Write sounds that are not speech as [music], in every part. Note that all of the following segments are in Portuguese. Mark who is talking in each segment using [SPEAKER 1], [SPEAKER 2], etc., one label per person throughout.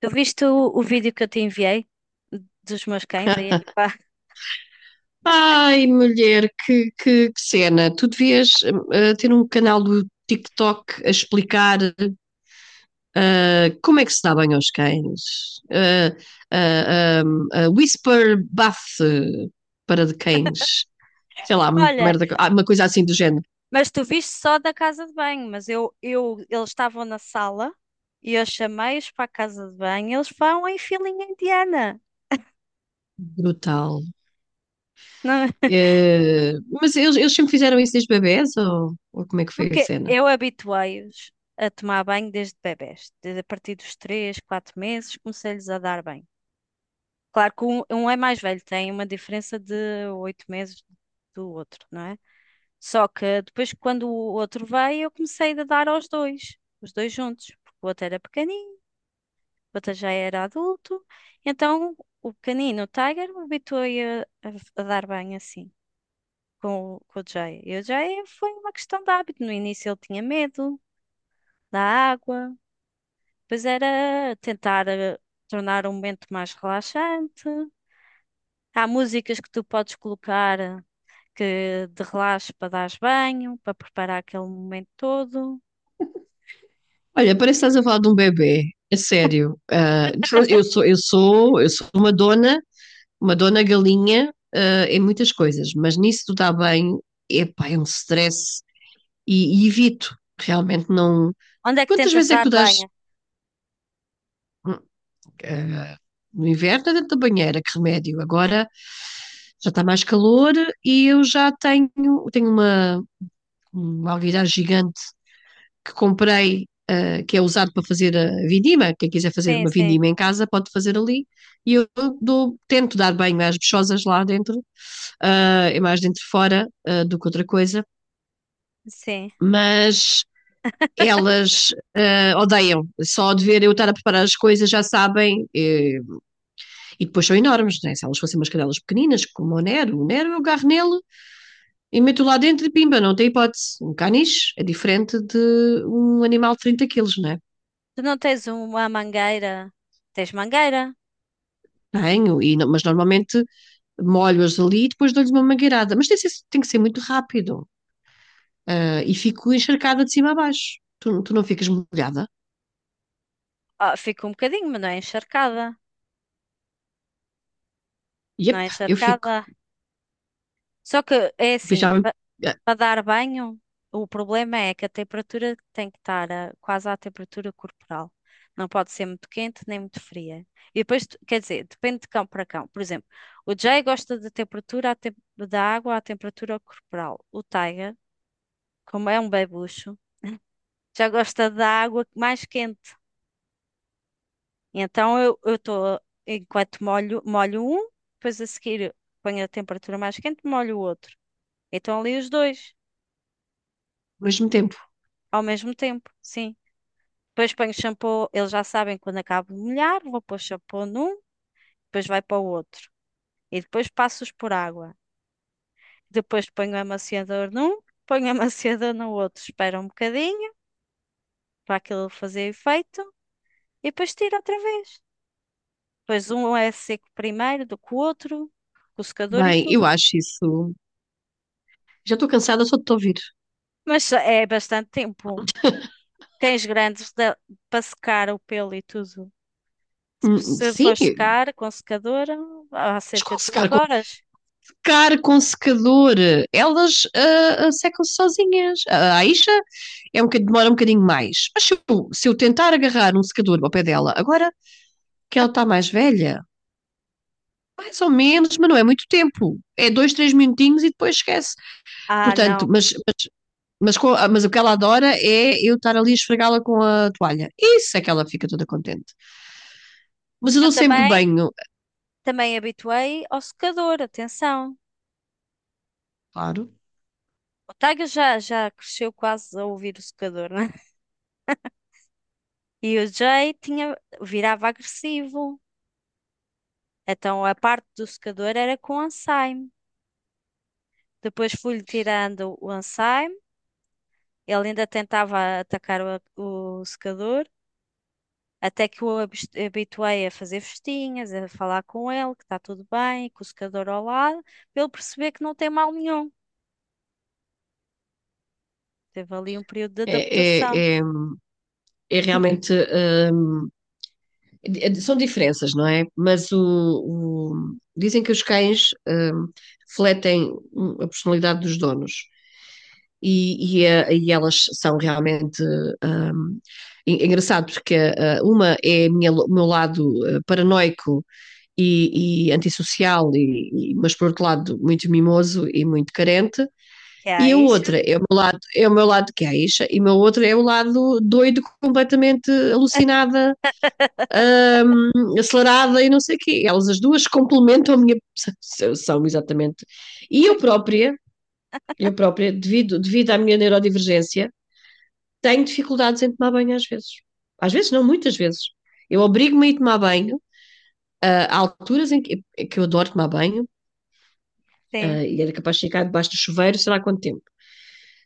[SPEAKER 1] Tu viste o vídeo que eu te enviei dos meus cães aí?
[SPEAKER 2] [laughs]
[SPEAKER 1] [laughs] Pá.
[SPEAKER 2] Ai, mulher, que cena. Tu devias ter um canal do TikTok a explicar, como é que se dá banho aos cães. Whisper bath para de cães. Sei lá,
[SPEAKER 1] Olha,
[SPEAKER 2] merda, uma coisa assim do género.
[SPEAKER 1] mas tu viste só da casa de banho, mas eu eles estavam na sala e eu chamei-os para a casa de banho, eles vão em filinha indiana.
[SPEAKER 2] Brutal.
[SPEAKER 1] Não- [laughs]
[SPEAKER 2] Eh, mas eles sempre fizeram isso desde bebés, ou como é que foi a
[SPEAKER 1] Porque
[SPEAKER 2] cena?
[SPEAKER 1] eu habituei-os a tomar banho desde bebés, desde a partir dos 3, 4 meses, comecei-lhes a dar banho. Claro que um é mais velho, tem uma diferença de 8 meses do outro, não é? Só que depois, quando o outro veio, eu comecei a dar aos dois, os dois juntos, porque o outro era pequenino, o outro já era adulto. Então, o pequenino, o Tiger, habituou-se a dar bem assim, com o Jay. E o Jay foi uma questão de hábito. No início, ele tinha medo da água, depois era tentar tornar um momento mais relaxante. Há músicas que tu podes colocar, que de relaxe para dar banho, para preparar aquele momento todo.
[SPEAKER 2] Olha, parece que estás a falar de um bebê. É sério. Eu sou uma dona galinha, em muitas coisas, mas nisso do dar bem, epá, é um stress e evito. Realmente não.
[SPEAKER 1] Onde é que
[SPEAKER 2] Quantas
[SPEAKER 1] tentas
[SPEAKER 2] vezes é que
[SPEAKER 1] dar
[SPEAKER 2] tu dás?
[SPEAKER 1] banho?
[SPEAKER 2] hum, ah, no inverno é dentro da banheira? Que remédio? Agora já está mais calor e eu tenho uma alguidar gigante que comprei, que é usado para fazer a vindima. Quem quiser fazer
[SPEAKER 1] Sim,
[SPEAKER 2] uma
[SPEAKER 1] sim,
[SPEAKER 2] vindima em casa pode fazer ali. E eu dou, tento dar banho às bichosas lá dentro. É mais dentro fora do que outra coisa,
[SPEAKER 1] sim.
[SPEAKER 2] mas elas odeiam. Só de ver eu estar a preparar as coisas já sabem. E depois são enormes, né? Se elas fossem umas cadelas pequeninas, como o Nero eu agarro nele e meto lá dentro e pimba, não tem hipótese. Um caniche é diferente de um animal de 30 quilos, não é?
[SPEAKER 1] Tu não tens uma mangueira? Tens mangueira?
[SPEAKER 2] Tenho, mas normalmente molho-as ali e depois dou-lhes uma mangueirada. Mas tem que ser muito rápido. Ah, e fico encharcada de cima a baixo. Tu não ficas molhada?
[SPEAKER 1] Ah, fica um bocadinho, mas não é encharcada. Não
[SPEAKER 2] Yep,
[SPEAKER 1] é
[SPEAKER 2] eu fico.
[SPEAKER 1] encharcada. Só que é assim,
[SPEAKER 2] Beijava
[SPEAKER 1] para dar banho, o problema é que a temperatura tem que estar quase à temperatura corporal. Não pode ser muito quente nem muito fria. E depois, quer dizer, depende de cão para cão. Por exemplo, o Jay gosta da temperatura, da água à temperatura corporal. O Tiger, como é um bebucho, já gosta da água mais quente. Então eu estou, enquanto molho, molho um, depois a seguir ponho a temperatura mais quente, molho o outro. Então ali os dois,
[SPEAKER 2] ao mesmo tempo.
[SPEAKER 1] ao mesmo tempo, sim. Depois ponho shampoo, eles já sabem quando acabo de molhar, vou pôr shampoo num, depois vai para o outro. E depois passo-os por água. Depois ponho amaciador num, ponho [laughs] amaciador no outro, espero um bocadinho para aquilo fazer efeito e depois tiro outra vez. Pois um é seco primeiro do que o outro, com o secador e
[SPEAKER 2] Bem, eu
[SPEAKER 1] tudo.
[SPEAKER 2] acho isso. Já estou cansada só de te ouvir.
[SPEAKER 1] Mas é bastante tempo. Cães grandes para secar o pelo e tudo. Se se for
[SPEAKER 2] Sim,
[SPEAKER 1] secar com secador, há cerca de duas
[SPEAKER 2] desconsecar com,
[SPEAKER 1] horas.
[SPEAKER 2] secar com secador. Elas secam-se sozinhas. A Aisha demora um bocadinho mais. Mas se eu tentar agarrar um secador ao pé dela, agora que ela está mais velha, mais ou menos, mas não é muito tempo. É dois, três minutinhos e depois esquece.
[SPEAKER 1] Ah,
[SPEAKER 2] Portanto,
[SPEAKER 1] não.
[SPEAKER 2] mas o que ela adora é eu estar ali a esfregá-la com a toalha. Isso é que ela fica toda contente. Mas eu
[SPEAKER 1] Eu
[SPEAKER 2] dou sempre
[SPEAKER 1] também,
[SPEAKER 2] banho,
[SPEAKER 1] também habituei ao secador, atenção.
[SPEAKER 2] claro.
[SPEAKER 1] O Tiger já cresceu quase a ouvir o secador, né? [laughs] E o Jay tinha, virava agressivo. Então a parte do secador era com ensaio. Depois fui-lhe tirando o ensaio. Ele ainda tentava atacar o secador, até que habituei a fazer festinhas, a falar com ele, que está tudo bem, com o secador ao lado, para ele perceber que não tem mal nenhum. Teve ali um período de
[SPEAKER 2] É,
[SPEAKER 1] adaptação.
[SPEAKER 2] é, é, é realmente. É, são diferenças, não é? Mas dizem que os cães, refletem, a personalidade dos donos. E elas são realmente um, engraçado, porque uma é o meu lado, paranoico e antissocial, mas por outro lado muito mimoso e muito carente,
[SPEAKER 1] Que há
[SPEAKER 2] e a
[SPEAKER 1] isso,
[SPEAKER 2] outra é o meu lado, é o meu lado queixa, e o meu outro é o lado doido, completamente alucinada, acelerada e não sei o quê. Elas as duas complementam a minha, são exatamente. E eu própria, eu própria, devido à minha neurodivergência, tenho dificuldades em tomar banho às vezes. Às vezes não, muitas vezes. Eu obrigo-me a ir tomar banho, há alturas que eu adoro tomar banho,
[SPEAKER 1] sim.
[SPEAKER 2] e era capaz de ficar debaixo do chuveiro, sei lá quanto tempo.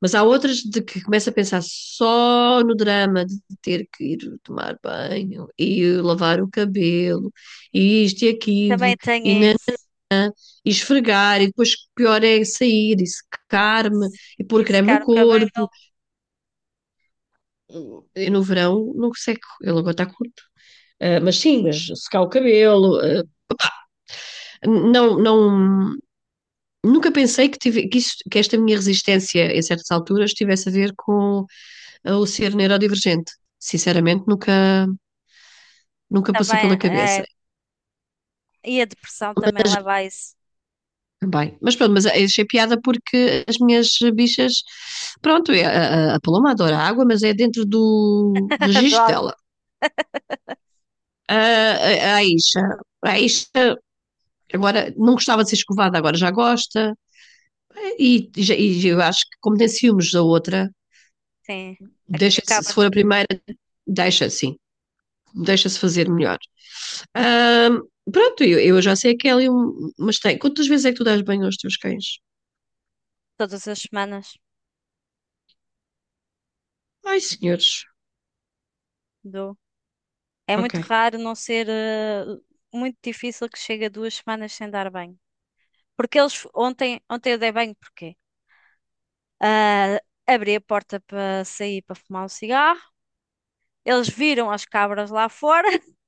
[SPEAKER 2] Mas há outras de que começo a pensar só no drama de ter que ir tomar banho e lavar o cabelo e isto e aquilo
[SPEAKER 1] Também tem
[SPEAKER 2] e, na-
[SPEAKER 1] isso.
[SPEAKER 2] e esfregar, e depois pior é sair e secar-me e
[SPEAKER 1] E
[SPEAKER 2] pôr creme
[SPEAKER 1] secar
[SPEAKER 2] no
[SPEAKER 1] o cabelo
[SPEAKER 2] corpo. Eu no verão não seco, ele agora está com, mas sim, mas secar o cabelo, não, nunca pensei que, tive, que, isso que, esta minha resistência em certas alturas tivesse a ver com, o ser neurodivergente. Sinceramente, nunca passou pela
[SPEAKER 1] também
[SPEAKER 2] cabeça
[SPEAKER 1] é, e a depressão também leva a isso.
[SPEAKER 2] também. Mas pronto, mas achei piada porque as minhas bichas, pronto, é, a Paloma adora água, mas é dentro do
[SPEAKER 1] [laughs] Do
[SPEAKER 2] registro
[SPEAKER 1] algo,
[SPEAKER 2] dela. A, a, a Isha, a Isha agora não gostava de ser escovada, agora já gosta, e, e, e eu acho que como tem ciúmes da outra,
[SPEAKER 1] sim.
[SPEAKER 2] deixa-se, se
[SPEAKER 1] Acaba
[SPEAKER 2] for a primeira, deixa, sim. Deixa-se fazer melhor. Ahm, Pronto, eu já sei que é ali um. Mas tem. Quantas vezes é que tu dás banho aos teus cães?
[SPEAKER 1] todas as semanas.
[SPEAKER 2] Ai, senhores.
[SPEAKER 1] Do. É muito
[SPEAKER 2] Ok.
[SPEAKER 1] raro não ser, muito difícil que chegue a 2 semanas sem dar banho. Porque ontem eu dei banho porque ah, abri a porta para sair para fumar um cigarro. Eles viram as cabras lá fora, [laughs]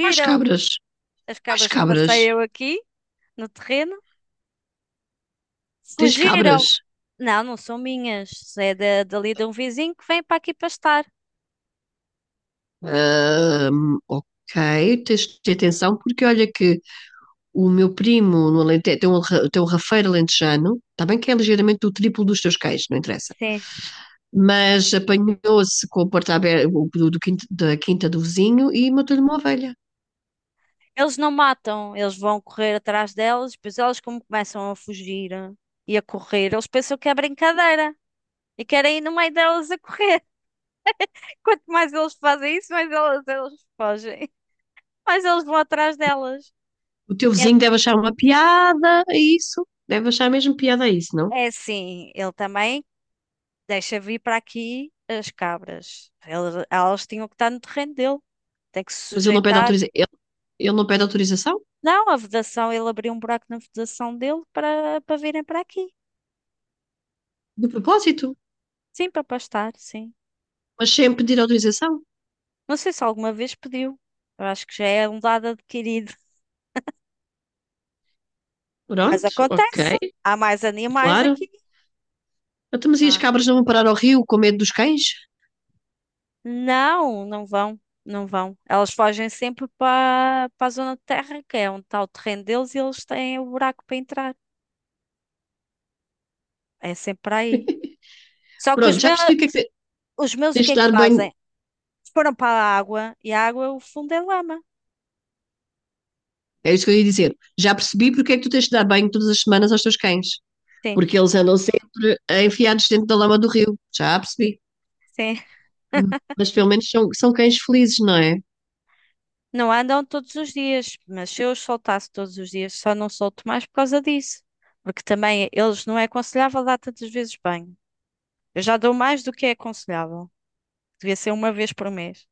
[SPEAKER 2] Quais cabras?
[SPEAKER 1] as
[SPEAKER 2] Quais
[SPEAKER 1] cabras que
[SPEAKER 2] cabras?
[SPEAKER 1] passei eu aqui no terreno,
[SPEAKER 2] Tens
[SPEAKER 1] fugiram.
[SPEAKER 2] cabras?
[SPEAKER 1] Não, não são minhas, é dali de um vizinho que vem para aqui pastar.
[SPEAKER 2] Ok, tens de ter atenção, porque olha que o meu primo no Alentejo tem um, tem um rafeiro alentejano. Está bem que é ligeiramente o triplo dos teus cães, não interessa,
[SPEAKER 1] Sim.
[SPEAKER 2] mas apanhou-se com a porta aberta do, da quinta do vizinho e matou-lhe uma ovelha.
[SPEAKER 1] Eles não matam, eles vão correr atrás delas, depois elas como começam a fugir, e a correr, eles pensam que é brincadeira e querem ir no meio delas a correr. [laughs] Quanto mais eles fazem isso, mais elas fogem, mais eles vão atrás delas.
[SPEAKER 2] O teu
[SPEAKER 1] É,
[SPEAKER 2] vizinho deve achar uma piada a isso, deve achar mesmo piada a isso, não?
[SPEAKER 1] é assim, ele também deixa vir para aqui as cabras. Elas tinham que estar no terreno dele, tem que se
[SPEAKER 2] Mas ele não pede
[SPEAKER 1] sujeitar.
[SPEAKER 2] autorização, ele não pede autorização,
[SPEAKER 1] Não, a vedação, ele abriu um buraco na vedação dele para virem para aqui.
[SPEAKER 2] de propósito,
[SPEAKER 1] Sim, para pastar, sim.
[SPEAKER 2] mas sem pedir autorização.
[SPEAKER 1] Não sei se alguma vez pediu. Eu acho que já é um dado adquirido. Mas
[SPEAKER 2] Pronto,
[SPEAKER 1] acontece.
[SPEAKER 2] ok,
[SPEAKER 1] Há mais animais
[SPEAKER 2] claro.
[SPEAKER 1] aqui,
[SPEAKER 2] Até mas e
[SPEAKER 1] não
[SPEAKER 2] as
[SPEAKER 1] é?
[SPEAKER 2] cabras não vão parar ao rio com medo dos cães?
[SPEAKER 1] Não, não vão. Não vão. Elas fogem sempre para a zona de terra, que é onde está o terreno deles, e eles têm o buraco para entrar. É sempre para aí. Só que os
[SPEAKER 2] Pronto, já
[SPEAKER 1] meus,
[SPEAKER 2] percebi o que é que
[SPEAKER 1] os meus o
[SPEAKER 2] tens
[SPEAKER 1] que
[SPEAKER 2] de
[SPEAKER 1] é que
[SPEAKER 2] dar banho,
[SPEAKER 1] fazem? Foram para a água e a água, o fundo é lama.
[SPEAKER 2] é isso que eu ia dizer, já percebi porque é que tu tens de dar banho todas as semanas aos teus cães,
[SPEAKER 1] Sim,
[SPEAKER 2] porque eles andam sempre enfiados dentro da lama do rio, já percebi.
[SPEAKER 1] sim.
[SPEAKER 2] Mas pelo menos são, são cães felizes, não é?
[SPEAKER 1] Não andam todos os dias, mas se eu os soltasse todos os dias, só não solto mais por causa disso. Porque também eles não é aconselhável dar tantas vezes banho. Eu já dou mais do que é aconselhável. Devia ser uma vez por mês.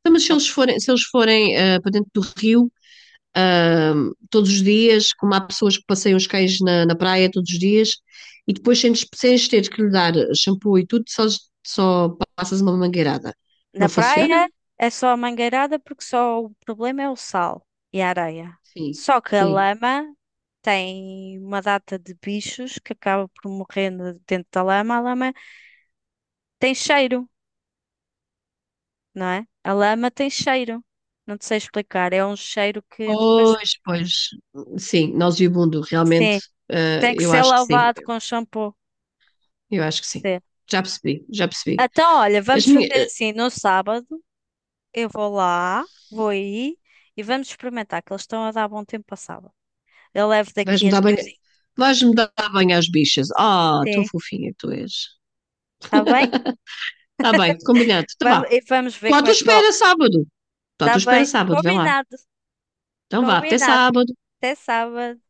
[SPEAKER 2] Então,
[SPEAKER 1] Não.
[SPEAKER 2] se eles forem, para dentro do rio, ah, todos os dias, como há pessoas que passeiam os cães na, na praia todos os dias, e depois sem lhes teres que lhe dar shampoo e tudo, só, só passas uma mangueirada. Não
[SPEAKER 1] Na
[SPEAKER 2] funciona?
[SPEAKER 1] praia é só a mangueirada porque só o problema é o sal e a areia.
[SPEAKER 2] Sim,
[SPEAKER 1] Só que a
[SPEAKER 2] sim.
[SPEAKER 1] lama tem uma data de bichos que acaba por morrer dentro da lama. A lama tem cheiro, não é? A lama tem cheiro. Não te sei explicar. É um cheiro que depois.
[SPEAKER 2] Pois, pois. Sim, nauseabundo, realmente,
[SPEAKER 1] Sim, tem que
[SPEAKER 2] eu
[SPEAKER 1] ser
[SPEAKER 2] acho que sim.
[SPEAKER 1] lavado com shampoo.
[SPEAKER 2] Eu acho que sim.
[SPEAKER 1] Sim.
[SPEAKER 2] Já percebi, já percebi.
[SPEAKER 1] Então, olha,
[SPEAKER 2] As
[SPEAKER 1] vamos
[SPEAKER 2] minhas,
[SPEAKER 1] fazer assim, no sábado eu vou lá, vou aí e vamos experimentar, que eles estão a dar bom tempo para sábado. Eu levo daqui
[SPEAKER 2] vais-me
[SPEAKER 1] as
[SPEAKER 2] dar bem,
[SPEAKER 1] coisinhas.
[SPEAKER 2] vais-me dar bem às bichas. Ah, tão
[SPEAKER 1] Sim,
[SPEAKER 2] fofinha que tu és.
[SPEAKER 1] está bem?
[SPEAKER 2] Está bem, combinado. Então vá.
[SPEAKER 1] Vamos, e vamos ver
[SPEAKER 2] Estou à
[SPEAKER 1] como
[SPEAKER 2] tua
[SPEAKER 1] é que
[SPEAKER 2] espera
[SPEAKER 1] corre.
[SPEAKER 2] sábado. Estou à
[SPEAKER 1] Está
[SPEAKER 2] tua espera
[SPEAKER 1] bem,
[SPEAKER 2] sábado, vê lá.
[SPEAKER 1] combinado,
[SPEAKER 2] Então vá, até
[SPEAKER 1] combinado.
[SPEAKER 2] sábado.
[SPEAKER 1] Até sábado.